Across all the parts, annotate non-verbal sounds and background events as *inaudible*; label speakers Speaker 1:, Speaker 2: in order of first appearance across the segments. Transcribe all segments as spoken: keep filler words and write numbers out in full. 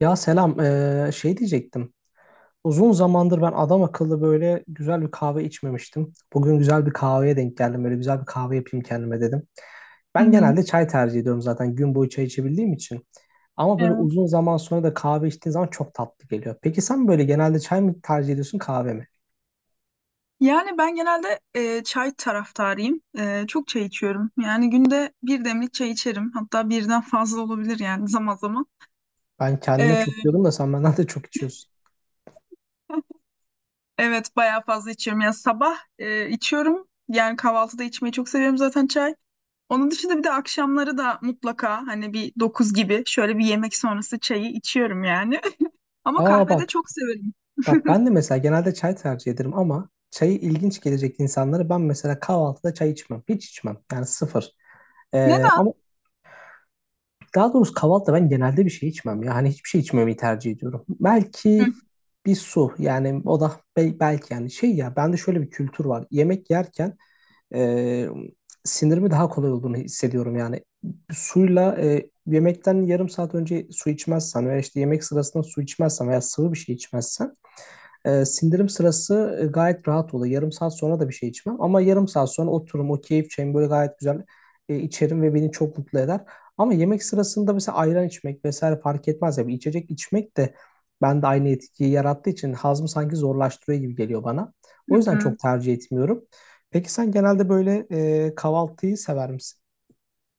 Speaker 1: Ya selam, eee, şey diyecektim. Uzun zamandır ben adam akıllı böyle güzel bir kahve içmemiştim. Bugün güzel bir kahveye denk geldim. Böyle güzel bir kahve yapayım kendime dedim.
Speaker 2: Hı
Speaker 1: Ben
Speaker 2: hı.
Speaker 1: genelde çay tercih ediyorum zaten gün boyu çay içebildiğim için. Ama böyle
Speaker 2: Evet.
Speaker 1: uzun zaman sonra da kahve içtiğin zaman çok tatlı geliyor. Peki sen böyle genelde çay mı tercih ediyorsun kahve mi?
Speaker 2: Yani ben genelde e, çay taraftarıyım. E, çok çay içiyorum. Yani günde bir demlik çay içerim. Hatta birden fazla olabilir yani *laughs* zaman zaman.
Speaker 1: Ben kendime çok
Speaker 2: E,
Speaker 1: diyordum da sen benden de çok içiyorsun.
Speaker 2: *laughs* evet bayağı fazla içiyorum. Yani sabah e, içiyorum. Yani kahvaltıda içmeyi çok seviyorum zaten çay. Onun dışında bir de akşamları da mutlaka hani bir dokuz gibi şöyle bir yemek sonrası çayı içiyorum yani. *laughs* Ama
Speaker 1: Aa
Speaker 2: kahvede
Speaker 1: bak,
Speaker 2: çok severim.
Speaker 1: bak ben de mesela genelde çay tercih ederim ama çayı ilginç gelecek insanlara ben mesela kahvaltıda çay içmem. Hiç içmem. Yani sıfır. Ee,
Speaker 2: Neden?
Speaker 1: ama daha doğrusu kahvaltıda ben genelde bir şey içmem ya. Hani hiçbir şey içmemeyi tercih ediyorum.
Speaker 2: Hı
Speaker 1: Belki bir su yani o da be- belki yani şey ya bende şöyle bir kültür var. Yemek yerken e, sinirimi daha kolay olduğunu hissediyorum yani. Suyla e, yemekten yarım saat önce su içmezsen veya işte yemek sırasında su içmezsen veya sıvı bir şey içmezsen ee, sindirim sırası e, gayet rahat oluyor. Yarım saat sonra da bir şey içmem. Ama yarım saat sonra otururum o keyif çayımı böyle gayet güzel e, içerim ve beni çok mutlu eder. Ama yemek sırasında mesela ayran içmek vesaire fark etmez ya. Bir içecek içmek de bende aynı etkiyi yarattığı için hazmı sanki zorlaştırıyor gibi geliyor bana.
Speaker 2: hı
Speaker 1: O yüzden
Speaker 2: hı.
Speaker 1: çok tercih etmiyorum. Peki sen genelde böyle e, kahvaltıyı sever misin?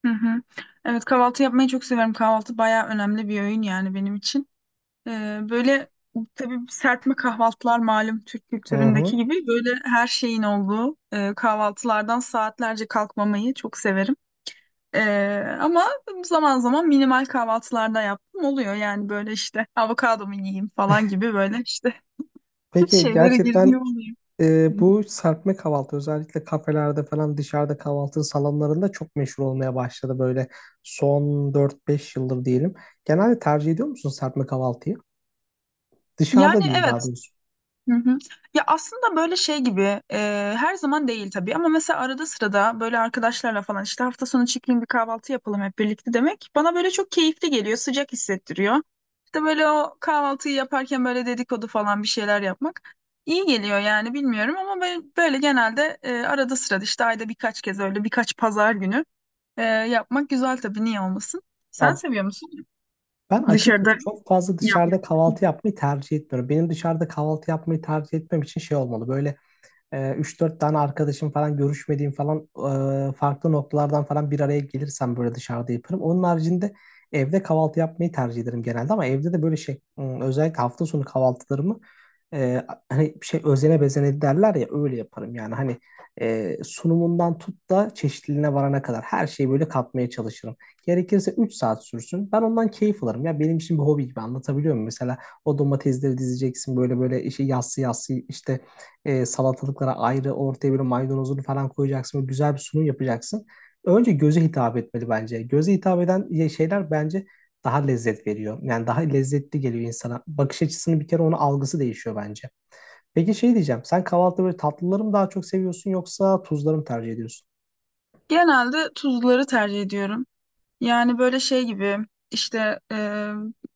Speaker 2: hı hı. Evet kahvaltı yapmayı çok severim. Kahvaltı bayağı önemli bir öğün yani benim için. Ee, böyle tabii serpme kahvaltılar malum Türk
Speaker 1: Hı hı.
Speaker 2: kültüründeki gibi böyle her şeyin olduğu e, kahvaltılardan saatlerce kalkmamayı çok severim. Ee, ama zaman zaman minimal kahvaltılarda yaptım oluyor yani böyle işte avokado mu yiyeyim falan gibi böyle işte *laughs*
Speaker 1: Peki
Speaker 2: şeylere
Speaker 1: gerçekten
Speaker 2: girdiğim oluyor.
Speaker 1: Ee, bu serpme kahvaltı özellikle kafelerde falan dışarıda kahvaltı salonlarında çok meşhur olmaya başladı böyle son dört beş yıldır diyelim. Genelde tercih ediyor musun serpme kahvaltıyı? Dışarıda
Speaker 2: Yani
Speaker 1: diyeyim daha
Speaker 2: evet.
Speaker 1: doğrusu.
Speaker 2: Hı hı. Ya aslında böyle şey gibi e, her zaman değil tabii ama mesela arada sırada böyle arkadaşlarla falan işte hafta sonu çıkayım bir kahvaltı yapalım hep birlikte demek bana böyle çok keyifli geliyor, sıcak hissettiriyor. İşte böyle o kahvaltıyı yaparken böyle dedikodu falan bir şeyler yapmak iyi geliyor yani, bilmiyorum ama ben böyle genelde e, arada sırada işte ayda birkaç kez öyle birkaç pazar günü e, yapmak güzel, tabii niye olmasın.
Speaker 1: Ya
Speaker 2: Sen seviyor musun
Speaker 1: ben açıkçası
Speaker 2: dışarıda
Speaker 1: çok fazla
Speaker 2: yapmak?
Speaker 1: dışarıda kahvaltı yapmayı tercih etmiyorum. Benim dışarıda kahvaltı yapmayı tercih etmem için şey olmalı. Böyle e, üç dört tane arkadaşım falan görüşmediğim falan e, farklı noktalardan falan bir araya gelirsem böyle dışarıda yaparım. Onun haricinde evde kahvaltı yapmayı tercih ederim genelde ama evde de böyle şey ım, özellikle hafta sonu kahvaltılarımı e, hani şey özene bezene derler ya öyle yaparım yani hani e, sunumundan tut da çeşitliliğine varana kadar her şeyi böyle katmaya çalışırım. Gerekirse üç saat sürsün. Ben ondan keyif alırım. Ya benim için bir hobi gibi anlatabiliyor muyum? Mesela o domatesleri dizeceksin böyle böyle işi yassı yassı işte e, salatalıklara ayrı ortaya bir maydanozunu falan koyacaksın ve güzel bir sunum yapacaksın. Önce göze hitap etmeli bence. Göze hitap eden ye- şeyler bence daha lezzet veriyor. Yani daha lezzetli geliyor insana. Bakış açısını bir kere onun algısı değişiyor bence. Peki şey diyeceğim. Sen kahvaltıda böyle tatlıları mı daha çok seviyorsun yoksa tuzları mı tercih ediyorsun?
Speaker 2: Genelde tuzluları tercih ediyorum. Yani böyle şey gibi işte e,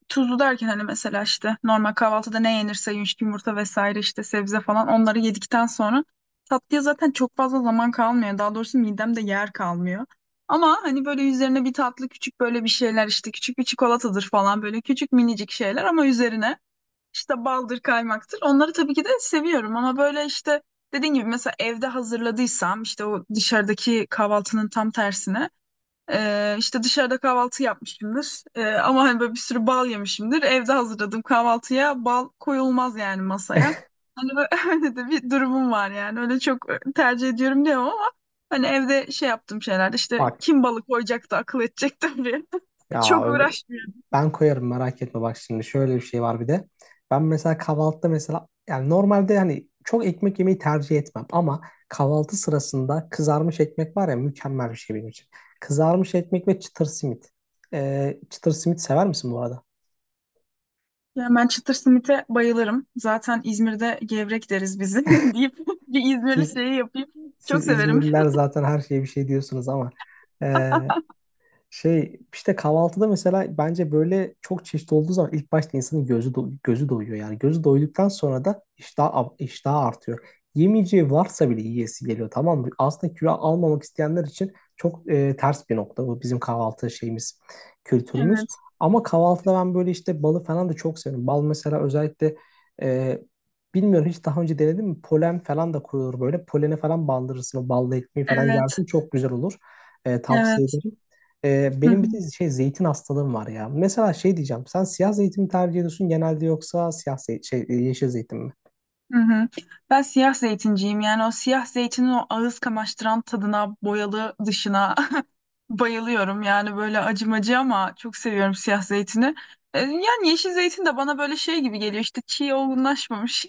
Speaker 2: tuzlu derken hani mesela işte normal kahvaltıda ne yenirse, yumuşak yumurta vesaire işte sebze falan, onları yedikten sonra tatlıya zaten çok fazla zaman kalmıyor. Daha doğrusu midemde yer kalmıyor. Ama hani böyle üzerine bir tatlı küçük böyle bir şeyler işte küçük bir çikolatadır falan, böyle küçük minicik şeyler ama üzerine işte baldır kaymaktır. Onları tabii ki de seviyorum ama böyle işte dediğim gibi mesela evde hazırladıysam işte o dışarıdaki kahvaltının tam tersine ee, işte dışarıda kahvaltı yapmışımdır. Ee, ama hani böyle bir sürü bal yemişimdir. Evde hazırladığım kahvaltıya bal koyulmaz yani masaya. Hani böyle *laughs* öyle de bir durumum var yani. Öyle çok e, tercih ediyorum diyemem ama hani evde şey yaptığım şeyler işte
Speaker 1: Bak
Speaker 2: kim balı koyacaktı akıl edecek de diye *laughs*
Speaker 1: ya,
Speaker 2: çok uğraşmıyorum.
Speaker 1: ben koyarım merak etme bak şimdi şöyle bir şey var bir de. Ben mesela kahvaltıda mesela yani normalde hani çok ekmek yemeyi tercih etmem ama kahvaltı sırasında kızarmış ekmek var ya mükemmel bir şey benim için. Kızarmış ekmek ve çıtır simit. Ee, çıtır simit sever misin bu arada?
Speaker 2: Yani ben çıtır simite bayılırım. Zaten İzmir'de gevrek deriz biz, *laughs* deyip bir İzmirli
Speaker 1: Siz
Speaker 2: şeyi yapayım. Çok
Speaker 1: siz
Speaker 2: severim.
Speaker 1: İzmirliler zaten her şeye bir şey diyorsunuz ama ee, şey işte kahvaltıda mesela bence böyle çok çeşit olduğu zaman ilk başta insanın gözü do- gözü doyuyor yani gözü doyduktan sonra da iştah ab- iştahı artıyor. Yemeyeceği varsa bile yiyesi geliyor tamam mı? Aslında kilo almamak isteyenler için çok e, ters bir nokta bu bizim kahvaltı şeyimiz, kültürümüz.
Speaker 2: Evet.
Speaker 1: Ama kahvaltıda ben böyle işte balı falan da çok seviyorum. Bal mesela özellikle e, bilmiyorum hiç daha önce denedim mi? Polen falan da koyulur böyle. Polene falan bandırırsın o balla ekmeği falan
Speaker 2: Evet.
Speaker 1: yersin çok güzel olur. E, tavsiye
Speaker 2: Evet.
Speaker 1: ederim. Ee,
Speaker 2: Hı
Speaker 1: benim
Speaker 2: hı.
Speaker 1: bir de şey zeytin hastalığım var ya. Mesela şey diyeceğim. Sen siyah zeytin mi tercih ediyorsun genelde yoksa siyah zey- şey, e, yeşil zeytin mi?
Speaker 2: Hı hı. Ben siyah zeytinciyim yani, o siyah zeytinin o ağız kamaştıran tadına, boyalı dışına *laughs* bayılıyorum yani, böyle acımacı ama çok seviyorum siyah zeytini. E, Yani yeşil zeytin de bana böyle şey gibi geliyor işte çiğ, olgunlaşmamış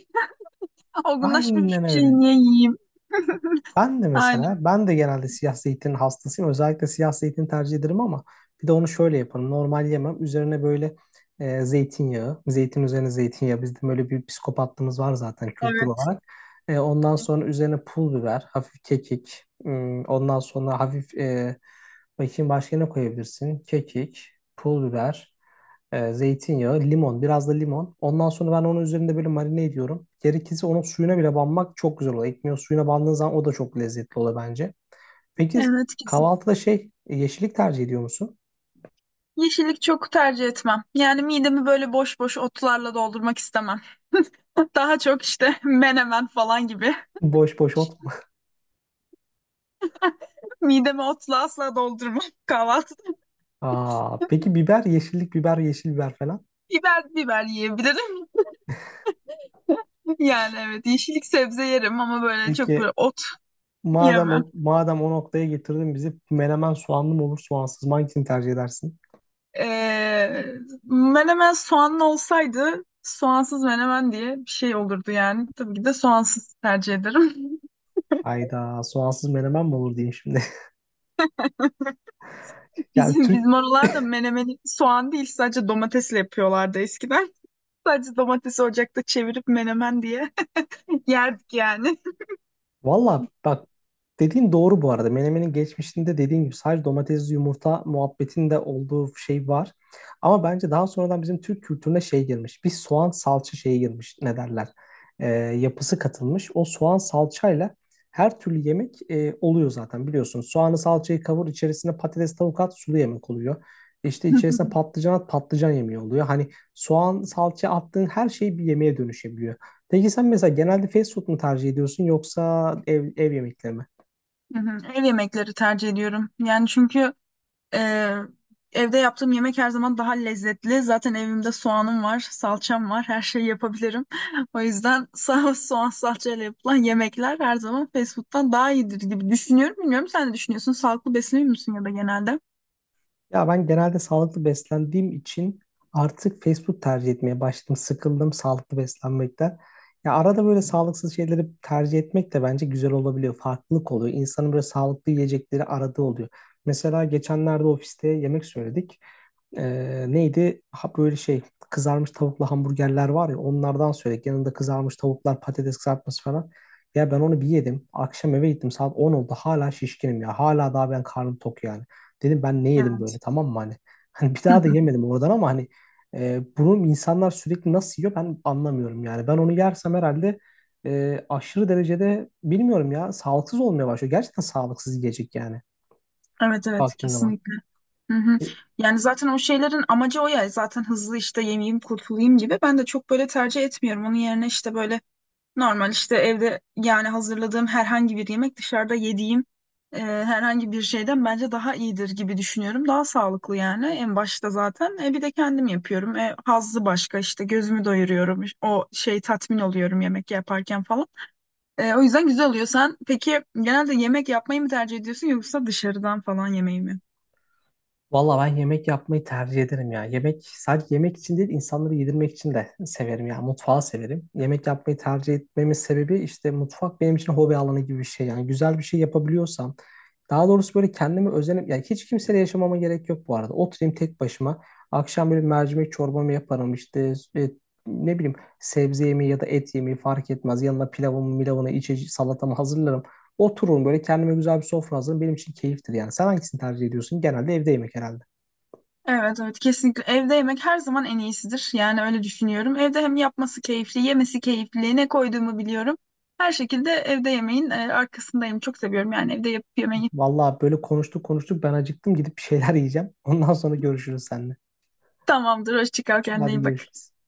Speaker 2: *laughs* olgunlaşmamış
Speaker 1: Aynen
Speaker 2: bir
Speaker 1: öyle.
Speaker 2: şeyi niye yiyeyim? *laughs*
Speaker 1: Ben de mesela,
Speaker 2: Aynen,
Speaker 1: ben de genelde siyah zeytin hastasıyım. Özellikle siyah zeytin tercih ederim ama bir de onu şöyle yaparım. Normal yemem. Üzerine böyle e, zeytinyağı, zeytin üzerine zeytinyağı. Bizde böyle bir psikopatlığımız var zaten kültür
Speaker 2: evet
Speaker 1: olarak. E, ondan sonra üzerine pul biber, hafif kekik. Hmm, ondan sonra hafif, e, bakayım başka ne koyabilirsin? Kekik, pul biber, e, zeytinyağı, limon, biraz da limon. Ondan sonra ben onun üzerinde böyle marine ediyorum. Gerekirse onun suyuna bile banmak çok güzel oluyor. Ekmeğin suyuna bandığın zaman o da çok lezzetli oluyor bence. Peki
Speaker 2: evet kesin.
Speaker 1: kahvaltıda şey e, yeşillik tercih ediyor musun?
Speaker 2: Yeşillik çok tercih etmem. Yani midemi böyle boş boş otlarla doldurmak istemem. *laughs* Daha çok işte *laughs* menemen falan gibi.
Speaker 1: Boş boş ot.
Speaker 2: *laughs* Midemi otla asla doldurmam *laughs* kahvaltı.
Speaker 1: Aa, peki biber, yeşillik biber, yeşil biber falan.
Speaker 2: Biber, biber yiyebilirim. *laughs* Yani evet, yeşillik sebze yerim ama böyle çok
Speaker 1: Peki
Speaker 2: böyle ot *laughs*
Speaker 1: madem
Speaker 2: yemem.
Speaker 1: o, madem o noktaya getirdin bizi menemen soğanlı mı olur soğansız mı hangisini tercih edersin?
Speaker 2: Ee, Menemen soğanlı olsaydı soğansız menemen diye bir şey olurdu yani. Tabii ki de soğansız tercih ederim. *laughs*
Speaker 1: Hayda soğansız menemen mi olur diyeyim şimdi. *laughs* Yani
Speaker 2: Bizim
Speaker 1: Türk,
Speaker 2: bizim oralarda menemeni soğan değil sadece domatesle yapıyorlardı eskiden. *laughs* Sadece domatesi ocakta çevirip menemen diye *laughs* yerdik yani.
Speaker 1: valla bak, dediğin doğru bu arada. Menemenin geçmişinde dediğin gibi sadece domatesli yumurta muhabbetinde olduğu şey var. Ama bence daha sonradan bizim Türk kültürüne şey girmiş. Bir soğan salça şeyi girmiş ne derler. Ee, yapısı katılmış. O soğan salçayla her türlü yemek e, oluyor zaten biliyorsun. Soğanı salçayı kavur içerisine patates tavuk at sulu yemek oluyor. İşte
Speaker 2: *laughs*
Speaker 1: içerisine patlıcan at patlıcan yemeği oluyor. Hani soğan salça attığın her şey bir yemeğe dönüşebiliyor. Peki sen mesela genelde fast food mu tercih ediyorsun yoksa ev, ev yemekleri mi?
Speaker 2: Hı hı. Ev yemekleri tercih ediyorum. Yani çünkü Ee, evde yaptığım yemek her zaman daha lezzetli. Zaten evimde soğanım var, salçam var, her şeyi yapabilirim. *laughs* O yüzden sa- soğan salçayla yapılan yemekler her zaman fast food'dan daha iyidir gibi düşünüyorum. Bilmiyorum sen ne düşünüyorsun? Sağlıklı besleniyor musun ya da genelde?
Speaker 1: Ya ben genelde sağlıklı beslendiğim için artık fast food tercih etmeye başladım. Sıkıldım sağlıklı beslenmekten. Ya arada böyle sağlıksız şeyleri tercih etmek de bence güzel olabiliyor. Farklılık oluyor. İnsanın böyle sağlıklı yiyecekleri aradığı oluyor. Mesela geçenlerde ofiste yemek söyledik. Ee, neydi? Ha, böyle şey kızarmış tavuklu hamburgerler var ya onlardan söyledik. Yanında kızarmış tavuklar, patates kızartması falan. Ya ben onu bir yedim. Akşam eve gittim saat on oldu. Hala şişkinim ya. Hala daha ben karnım tok yani. Dedim ben ne yedim
Speaker 2: Yani.
Speaker 1: böyle tamam mı hani? *laughs* Hani bir daha da
Speaker 2: *laughs*
Speaker 1: yemedim oradan ama hani e, bunu insanlar sürekli nasıl yiyor ben anlamıyorum yani. Ben onu yersem herhalde e, aşırı derecede bilmiyorum ya sağlıksız olmaya başlıyor. Gerçekten sağlıksız yiyecek yani
Speaker 2: Evet evet
Speaker 1: baktığın zaman.
Speaker 2: kesinlikle. Hı hı.
Speaker 1: E,
Speaker 2: Yani zaten o şeylerin amacı o ya, zaten hızlı işte yemeyeyim kurtulayım gibi. Ben de çok böyle tercih etmiyorum. Onun yerine işte böyle normal işte evde yani hazırladığım herhangi bir yemek, dışarıda yediğim e, herhangi bir şeyden bence daha iyidir gibi düşünüyorum. Daha sağlıklı yani en başta zaten. E, bir de kendim yapıyorum. E, hazzı başka, işte gözümü doyuruyorum. O şey, tatmin oluyorum yemek yaparken falan. E, o yüzden güzel oluyor. Sen peki genelde yemek yapmayı mı tercih ediyorsun yoksa dışarıdan falan yemeği mi?
Speaker 1: valla ben yemek yapmayı tercih ederim ya. Yemek sadece yemek için değil insanları yedirmek için de severim ya. Mutfağı severim. Yemek yapmayı tercih etmemin sebebi işte mutfak benim için hobi alanı gibi bir şey. Yani güzel bir şey yapabiliyorsam daha doğrusu böyle kendimi özenim. Yani hiç kimseyle yaşamama gerek yok bu arada. Oturayım tek başıma. Akşam böyle mercimek çorbamı yaparım işte e, ne bileyim sebze yemeği ya da et yemeği fark etmez. Yanına pilavımı, milavını, içecek salatamı hazırlarım. Otururum böyle kendime güzel bir sofra hazırlarım. Benim için keyiftir yani. Sen hangisini tercih ediyorsun? Genelde evde yemek herhalde.
Speaker 2: Evet evet kesinlikle evde yemek her zaman en iyisidir. Yani öyle düşünüyorum. Evde hem yapması keyifli, yemesi keyifli, ne koyduğumu biliyorum. Her şekilde evde yemeğin e, arkasındayım. Çok seviyorum yani evde yapıp yemeği.
Speaker 1: Vallahi böyle konuştuk konuştuk ben acıktım gidip bir şeyler *laughs* yiyeceğim. Ondan sonra görüşürüz seninle.
Speaker 2: *laughs* Tamamdır, hoşça kal, kendine
Speaker 1: Hadi
Speaker 2: iyi bak.
Speaker 1: görüşürüz.